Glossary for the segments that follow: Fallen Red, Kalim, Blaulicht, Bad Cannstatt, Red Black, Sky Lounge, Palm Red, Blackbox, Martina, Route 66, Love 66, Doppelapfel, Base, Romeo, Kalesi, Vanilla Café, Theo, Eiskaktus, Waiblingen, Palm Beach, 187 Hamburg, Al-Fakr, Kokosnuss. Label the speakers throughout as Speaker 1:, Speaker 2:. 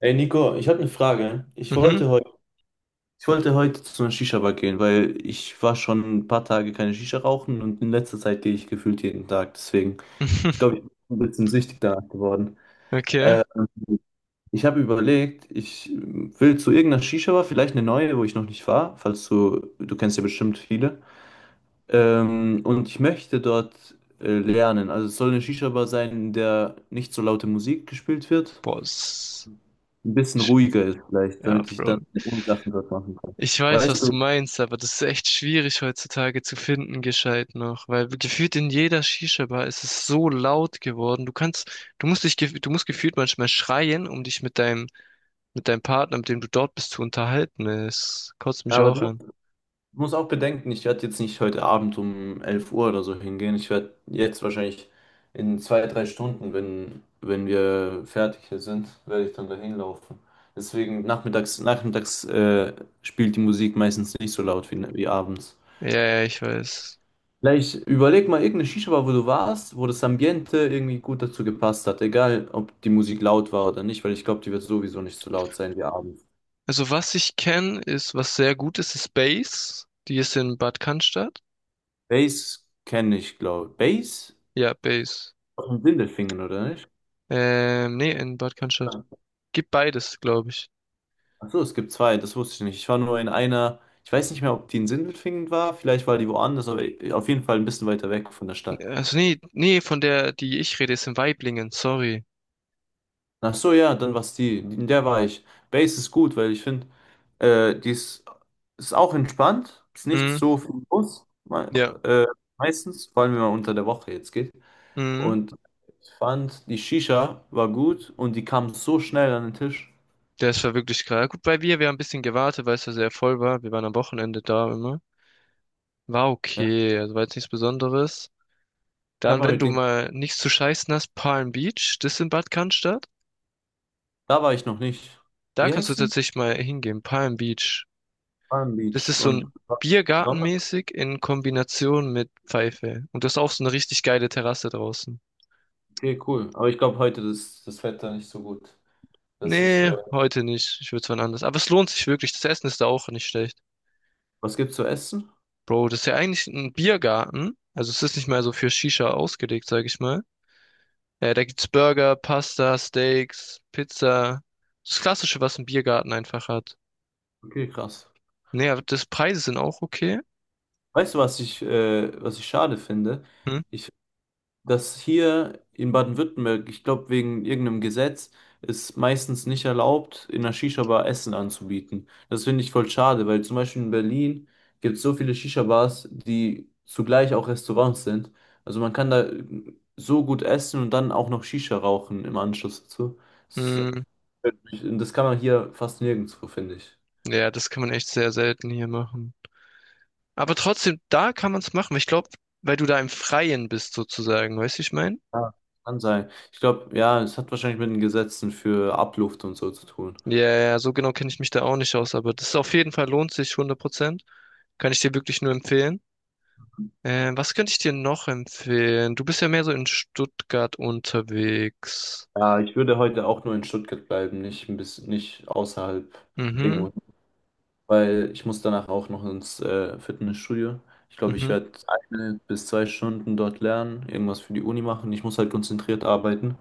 Speaker 1: Ey Nico, ich habe eine Frage.
Speaker 2: Mhm.
Speaker 1: Ich wollte heute zu einer Shisha-Bar gehen, weil ich war schon ein paar Tage keine Shisha rauchen und in letzter Zeit gehe ich gefühlt jeden Tag. Deswegen, ich glaube, ich bin ein bisschen süchtig danach geworden.
Speaker 2: Okay.
Speaker 1: Ich habe überlegt, ich will zu irgendeiner Shisha-Bar, vielleicht eine neue, wo ich noch nicht war, falls du kennst ja bestimmt viele. Und ich möchte dort lernen. Also es soll eine Shisha-Bar sein, in der nicht so laute Musik gespielt wird,
Speaker 2: Boah,
Speaker 1: ein bisschen
Speaker 2: ist-
Speaker 1: ruhiger ist vielleicht,
Speaker 2: ja,
Speaker 1: damit ich
Speaker 2: Bro.
Speaker 1: dann die Uni-Sachen dort machen kann.
Speaker 2: Ich weiß,
Speaker 1: Weißt
Speaker 2: was du
Speaker 1: du,
Speaker 2: meinst, aber das ist echt schwierig heutzutage zu finden, gescheit noch, weil gefühlt in jeder Shisha-Bar ist es so laut geworden. Du musst gefühlt manchmal schreien, um dich mit deinem Partner, mit dem du dort bist, zu unterhalten. Es kotzt mich
Speaker 1: aber
Speaker 2: auch
Speaker 1: du
Speaker 2: an.
Speaker 1: musst auch bedenken, ich werde jetzt nicht heute Abend um 11 Uhr oder so hingehen. Ich werde jetzt wahrscheinlich in 2, 3 Stunden, wenn wir fertig hier sind, werde ich dann dahin laufen. Deswegen nachmittags spielt die Musik meistens nicht so laut wie abends.
Speaker 2: Ja, ja, ich weiß.
Speaker 1: Vielleicht überleg mal irgendeine Shisha-Bar, wo du warst, wo das Ambiente irgendwie gut dazu gepasst hat. Egal, ob die Musik laut war oder nicht, weil ich glaube, die wird sowieso nicht so laut sein wie abends.
Speaker 2: Also was ich kenne, ist, was sehr gut ist, ist Base. Die ist in Bad Cannstatt.
Speaker 1: Bass kenne ich, glaube ich. Bass?
Speaker 2: Ja, Base.
Speaker 1: Aus dem Sindelfingen, oder nicht?
Speaker 2: Nee, in Bad Cannstatt. Gibt beides, glaube ich.
Speaker 1: Achso, es gibt zwei, das wusste ich nicht. Ich war nur in einer, ich weiß nicht mehr, ob die in Sindelfingen war, vielleicht war die woanders, aber auf jeden Fall ein bisschen weiter weg von der Stadt.
Speaker 2: Also nee, nee, von der, die ich rede, ist in Waiblingen, sorry.
Speaker 1: Ach so, ja, dann war die, in der war ich. Bass ist gut, weil ich finde, die ist auch entspannt, ist nicht
Speaker 2: Mhm,
Speaker 1: so viel los,
Speaker 2: ja,
Speaker 1: äh, meistens, vor allem wenn man unter der Woche jetzt geht.
Speaker 2: mhm.
Speaker 1: Und ich fand, die Shisha war gut und die kam so schnell an den Tisch.
Speaker 2: Der ist war wirklich krass. Ja, gut, wir haben ein bisschen gewartet, weil es ja sehr voll war. Wir waren am Wochenende da immer. War
Speaker 1: Ja.
Speaker 2: okay, also war jetzt nichts Besonderes.
Speaker 1: Ich habe
Speaker 2: Dann,
Speaker 1: mal
Speaker 2: wenn
Speaker 1: mit
Speaker 2: du
Speaker 1: denen.
Speaker 2: mal nichts zu scheißen hast, Palm Beach, das ist in Bad Cannstatt.
Speaker 1: Da war ich noch nicht.
Speaker 2: Da
Speaker 1: Wie
Speaker 2: kannst du
Speaker 1: heißt sie?
Speaker 2: tatsächlich mal hingehen, Palm Beach.
Speaker 1: Palm
Speaker 2: Das
Speaker 1: Beach.
Speaker 2: ist so
Speaker 1: Und
Speaker 2: ein
Speaker 1: was Besonderes?
Speaker 2: Biergartenmäßig in Kombination mit Pfeife. Und das ist auch so eine richtig geile Terrasse draußen.
Speaker 1: Okay, cool. Aber ich glaube, heute ist das Wetter nicht so gut, dass ich.
Speaker 2: Nee, heute nicht. Ich würde es wann anders. Aber es lohnt sich wirklich. Das Essen ist da auch nicht schlecht.
Speaker 1: Was gibt's zu essen?
Speaker 2: Bro, das ist ja eigentlich ein Biergarten. Also es ist nicht mehr so für Shisha ausgelegt, sag ich mal. Da gibt's Burger, Pasta, Steaks, Pizza. Das Klassische, was ein Biergarten einfach hat.
Speaker 1: Okay, krass.
Speaker 2: Nee, aber das Preise sind auch okay.
Speaker 1: Weißt du, was ich schade finde?
Speaker 2: Hm?
Speaker 1: Ich dass hier in Baden-Württemberg, ich glaube wegen irgendeinem Gesetz, es meistens nicht erlaubt, in einer Shisha-Bar Essen anzubieten. Das finde ich voll schade, weil zum Beispiel in Berlin gibt es so viele Shisha-Bars, die zugleich auch Restaurants sind. Also man kann da so gut essen und dann auch noch Shisha rauchen im Anschluss dazu. Das,
Speaker 2: Hm.
Speaker 1: das kann man hier fast nirgendwo, finde ich.
Speaker 2: Ja, das kann man echt sehr selten hier machen. Aber trotzdem, da kann man es machen. Ich glaube, weil du da im Freien bist sozusagen. Weißt du, wie ich mein?
Speaker 1: Ja. Kann sein. Ich glaube, ja, es hat wahrscheinlich mit den Gesetzen für Abluft und so zu tun.
Speaker 2: Ja, ja, so genau kenne ich mich da auch nicht aus, aber das ist auf jeden Fall lohnt sich 100%. Kann ich dir wirklich nur empfehlen. Was könnte ich dir noch empfehlen? Du bist ja mehr so in Stuttgart unterwegs.
Speaker 1: Ja, ich würde heute auch nur in Stuttgart bleiben, nicht ein bisschen, nicht außerhalb
Speaker 2: Mhm,
Speaker 1: irgendwo, weil ich muss danach auch noch ins Fitnessstudio. Ich glaube, ich
Speaker 2: mhm.
Speaker 1: werde 1 bis 2 Stunden dort lernen, irgendwas für die Uni machen. Ich muss halt konzentriert arbeiten.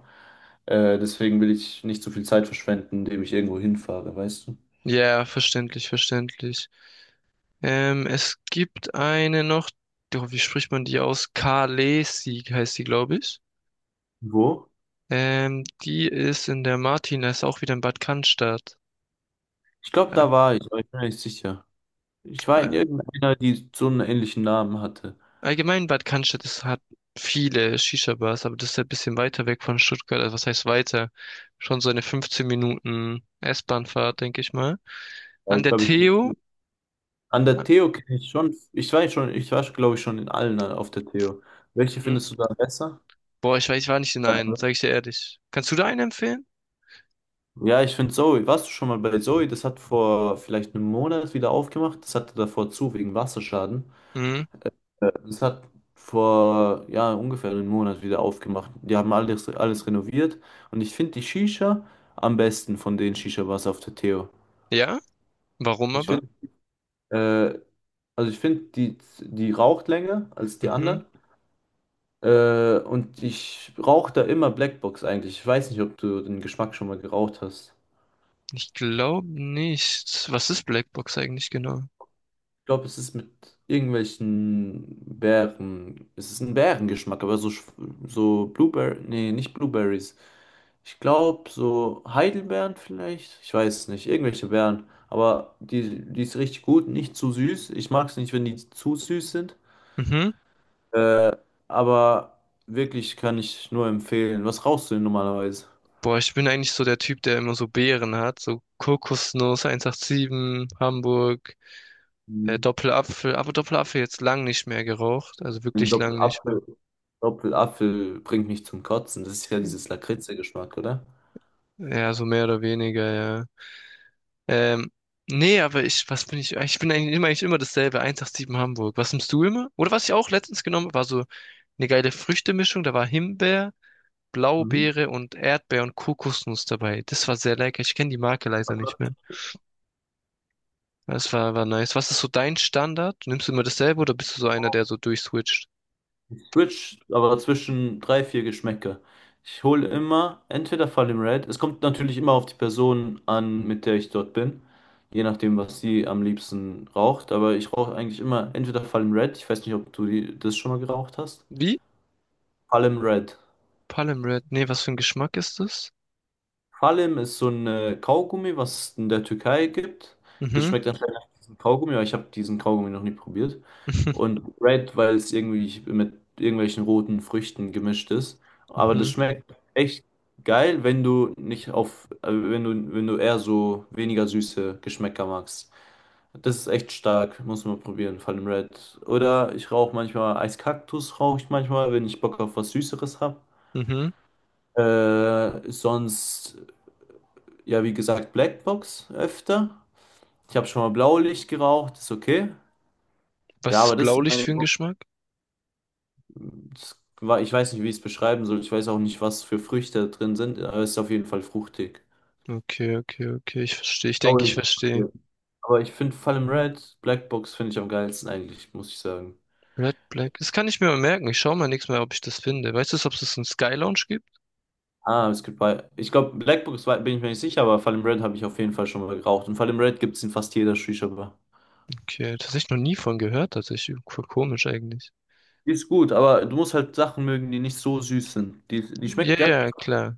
Speaker 1: Deswegen will ich nicht so viel Zeit verschwenden, indem ich irgendwo hinfahre, weißt du?
Speaker 2: Ja, verständlich, verständlich. Es gibt eine noch, doch, wie spricht man die aus? Kalesi heißt die, glaube ich.
Speaker 1: Wo?
Speaker 2: Die ist in der Martina, ist auch wieder in Bad Cannstatt.
Speaker 1: Ich glaube,
Speaker 2: Ja.
Speaker 1: da war ich, aber ich bin mir nicht sicher. Ich war in
Speaker 2: äh,
Speaker 1: irgendeiner, die so einen ähnlichen Namen hatte.
Speaker 2: Allgemein Bad Cannstatt hat viele Shisha-Bars, aber das ist halt ein bisschen weiter weg von Stuttgart. Also was heißt weiter? Schon so eine 15 Minuten S-Bahn-Fahrt, denke ich mal.
Speaker 1: Ja,
Speaker 2: An
Speaker 1: ich
Speaker 2: der
Speaker 1: glaube, ich
Speaker 2: Theo.
Speaker 1: An der Theo kenne ich schon, ich war glaube ich schon in allen auf der Theo. Welche
Speaker 2: Mhm.
Speaker 1: findest du da besser?
Speaker 2: Boah, ich weiß, ich war nicht in einen, sage ich dir ehrlich. Kannst du da einen empfehlen?
Speaker 1: Ja, ich finde Zoe. Warst du schon mal bei Zoe? Das hat vor vielleicht einem Monat wieder aufgemacht. Das hatte davor zu wegen Wasserschaden.
Speaker 2: Mhm.
Speaker 1: Das hat vor ja ungefähr einem Monat wieder aufgemacht. Die haben alles, alles renoviert und ich finde die Shisha am besten von den Shisha-Bars auf der Theo.
Speaker 2: Ja? Warum
Speaker 1: Ich
Speaker 2: aber?
Speaker 1: finde, äh, also ich finde die raucht länger als die
Speaker 2: Mhm.
Speaker 1: anderen. Und ich rauche da immer Blackbox eigentlich. Ich weiß nicht, ob du den Geschmack schon mal geraucht hast.
Speaker 2: Ich glaube nicht. Was ist Blackbox eigentlich genau?
Speaker 1: Ich glaube, es ist mit irgendwelchen Beeren. Es ist ein Beerengeschmack, aber so, so Blueberry. Nee, nicht Blueberries. Ich glaube, so Heidelbeeren vielleicht. Ich weiß es nicht. Irgendwelche Beeren. Aber die ist richtig gut. Nicht zu süß. Ich mag es nicht, wenn die zu süß sind.
Speaker 2: Mhm.
Speaker 1: Aber wirklich kann ich nur empfehlen. Was rauchst du denn normalerweise?
Speaker 2: Boah, ich bin eigentlich so der Typ, der immer so Beeren hat, so Kokosnuss 187, Hamburg. Doppelapfel, aber Doppelapfel jetzt lang nicht mehr geraucht, also
Speaker 1: Ein
Speaker 2: wirklich lang nicht mehr.
Speaker 1: Doppelapfel, Doppelapfel bringt mich zum Kotzen. Das ist ja dieses Lakritze-Geschmack, oder?
Speaker 2: Ja, so mehr oder weniger, ja. Ähm, Nee, aber ich, was bin ich? Ich bin eigentlich immer dasselbe, 187 Hamburg. Was nimmst du immer? Oder was ich auch letztens genommen habe, war so eine geile Früchtemischung. Da war Himbeer,
Speaker 1: Mhm.
Speaker 2: Blaubeere und Erdbeer und Kokosnuss dabei. Das war sehr lecker. Ich kenne die Marke leider nicht mehr. Das war nice. Was ist so dein Standard? Nimmst du immer dasselbe oder bist du so einer, der so durchswitcht?
Speaker 1: Ich switch aber zwischen drei, vier Geschmäcker. Ich hole immer entweder Fallen Red. Es kommt natürlich immer auf die Person an, mit der ich dort bin. Je nachdem, was sie am liebsten raucht. Aber ich rauche eigentlich immer entweder Fallen Red. Ich weiß nicht, ob du die, das schon mal geraucht hast.
Speaker 2: Wie?
Speaker 1: Fallen Red.
Speaker 2: Palm Red. Nee, was für ein Geschmack ist das?
Speaker 1: Kalim ist so ein Kaugummi, was es in der Türkei gibt. Das
Speaker 2: Mhm.
Speaker 1: schmeckt anscheinend nach diesem Kaugummi, aber ich habe diesen Kaugummi noch nie probiert. Und Red, weil es irgendwie mit irgendwelchen roten Früchten gemischt ist. Aber das
Speaker 2: Mhm,
Speaker 1: schmeckt echt geil, wenn du nicht auf, wenn du eher so weniger süße Geschmäcker magst. Das ist echt stark, muss man probieren, vor allem Red. Oder ich rauche manchmal Eiskaktus, rauche ich manchmal, wenn ich Bock auf was Süßeres habe.
Speaker 2: mhm.
Speaker 1: Sonst ja, wie gesagt, Blackbox öfter. Ich habe schon mal Blaulicht geraucht, ist okay. Ja,
Speaker 2: Was
Speaker 1: aber
Speaker 2: ist
Speaker 1: das sind
Speaker 2: Blaulicht
Speaker 1: meine.
Speaker 2: für ein Geschmack?
Speaker 1: Das war, ich weiß nicht, wie ich es beschreiben soll. Ich weiß auch nicht, was für Früchte da drin sind, aber es ist auf jeden Fall fruchtig.
Speaker 2: Okay, okay, okay, ich verstehe. Ich denke, ich
Speaker 1: Blaulicht.
Speaker 2: verstehe.
Speaker 1: Aber ich finde Fallen Red, Blackbox finde ich am geilsten eigentlich, muss ich sagen.
Speaker 2: Red Black. Das kann ich mir mal merken. Ich schaue mal nächstes Mal, ob ich das finde. Weißt du, ob es einen Sky Lounge gibt?
Speaker 1: Ah, es gibt bei. Ich glaube, Blackbox bin ich mir nicht sicher, aber Fallen Red habe ich auf jeden Fall schon mal geraucht. Und Fallen Red gibt es in fast jeder Shisha-Bar.
Speaker 2: Okay, tatsächlich noch nie von gehört, tatsächlich. Voll komisch eigentlich.
Speaker 1: Die ist gut, aber du musst halt Sachen mögen, die nicht so süß sind. Die
Speaker 2: Ja,
Speaker 1: schmeckt, die hat.
Speaker 2: ja, klar.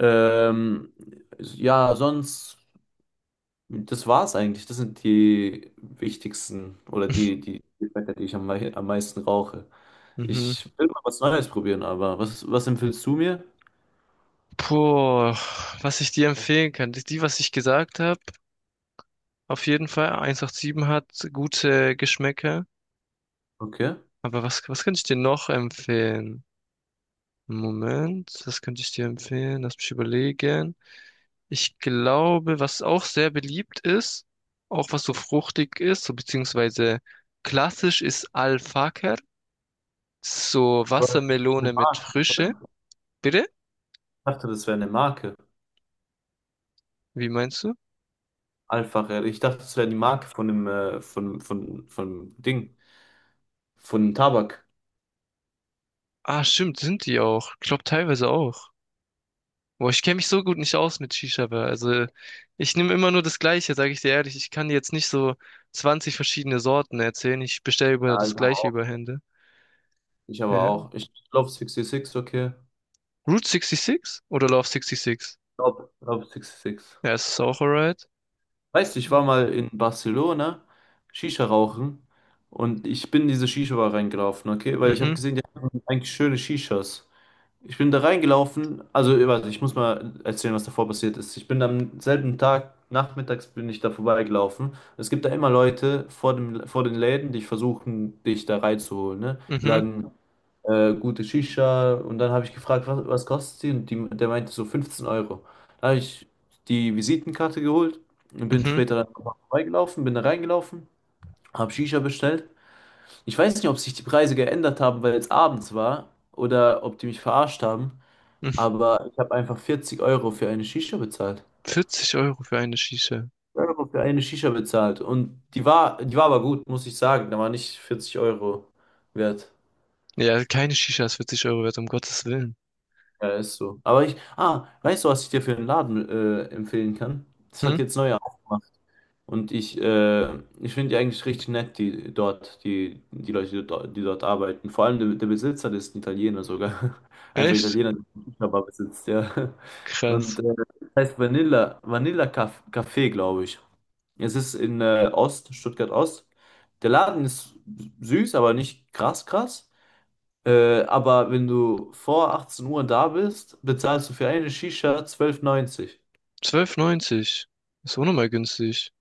Speaker 1: Ähm, ja, sonst, das war's eigentlich. Das sind die wichtigsten oder die Fette, die ich am meisten rauche.
Speaker 2: Mhm.
Speaker 1: Ich will mal was Neues probieren, aber was empfiehlst du mir?
Speaker 2: Puh, was ich dir empfehlen kann. Was ich gesagt habe, auf jeden Fall. 187 hat gute Geschmäcker.
Speaker 1: Okay.
Speaker 2: Aber was könnte ich dir noch empfehlen? Moment, was könnte ich dir empfehlen? Lass mich überlegen. Ich glaube, was auch sehr beliebt ist, auch was so fruchtig ist, so beziehungsweise klassisch ist Al-Fakr. Das ist so
Speaker 1: Aber das ist eine
Speaker 2: Wassermelone mit
Speaker 1: Marke,
Speaker 2: Frische.
Speaker 1: oder?
Speaker 2: Bitte?
Speaker 1: Ich dachte, das wäre eine Marke.
Speaker 2: Wie meinst du?
Speaker 1: Ich dachte, das wäre die Marke von dem, von, von Ding, von Tabak.
Speaker 2: Ah, stimmt, sind die auch. Ich glaube teilweise auch. Boah, ich kenne mich so gut nicht aus mit Shisha, Bar. Also ich nehme immer nur das Gleiche, sage ich dir ehrlich. Ich kann dir jetzt nicht so 20 verschiedene Sorten erzählen. Ich bestelle über
Speaker 1: Ja,
Speaker 2: das
Speaker 1: ich aber
Speaker 2: Gleiche über
Speaker 1: auch.
Speaker 2: Hände.
Speaker 1: Ich aber
Speaker 2: Ja.
Speaker 1: auch. Ich glaube 66, okay.
Speaker 2: Route 66 oder Love 66?
Speaker 1: Ich glaube 66.
Speaker 2: Ja, es ist auch alright?
Speaker 1: Weißt du, ich war mal in Barcelona Shisha rauchen und ich bin in diese Shisha-Bar reingelaufen, okay? Weil ich habe
Speaker 2: Mhm,
Speaker 1: gesehen, die haben eigentlich schöne Shishas. Ich bin da reingelaufen, also warte, ich muss mal erzählen, was davor passiert ist. Ich bin am selben Tag, nachmittags bin ich da vorbeigelaufen. Es gibt da immer Leute vor dem, vor den Läden, die versuchen, dich da reinzuholen, ne? Die
Speaker 2: mhm.
Speaker 1: sagen, gute Shisha. Und dann habe ich gefragt, was kostet sie? Und die, der meinte so 15 Euro. Dann habe ich die Visitenkarte geholt und bin
Speaker 2: Mhm.
Speaker 1: später dann nochmal vorbeigelaufen, bin da reingelaufen, habe Shisha bestellt. Ich weiß nicht, ob sich die Preise geändert haben, weil es abends war oder ob die mich verarscht haben,
Speaker 2: Mhm.
Speaker 1: aber ich habe einfach 40 € für eine Shisha bezahlt.
Speaker 2: 40 € für eine Shisha.
Speaker 1: Euro für eine Shisha bezahlt. Und die war aber gut, muss ich sagen. Da war nicht 40 € wert.
Speaker 2: Ja, keine Shisha ist 40 € wert, um Gottes Willen.
Speaker 1: Ja, ist so. Aber weißt du, was ich dir für einen Laden empfehlen kann? Das
Speaker 2: Hm?
Speaker 1: hat jetzt neu aufgemacht. Und ich finde die eigentlich richtig nett, die Leute, die dort arbeiten. Vor allem der Besitzer, das ist ein Italiener sogar. Einfach
Speaker 2: Echt?
Speaker 1: Italiener, der einen Shisha-Bar besitzt, ja.
Speaker 2: Krass.
Speaker 1: Und äh, das heißt Vanilla Café, glaube ich. Es ist in Stuttgart Ost. Der Laden ist süß, aber nicht krass krass. Aber wenn du vor 18 Uhr da bist, bezahlst du für eine Shisha 12,90.
Speaker 2: 12,90. Ist auch nochmal günstig.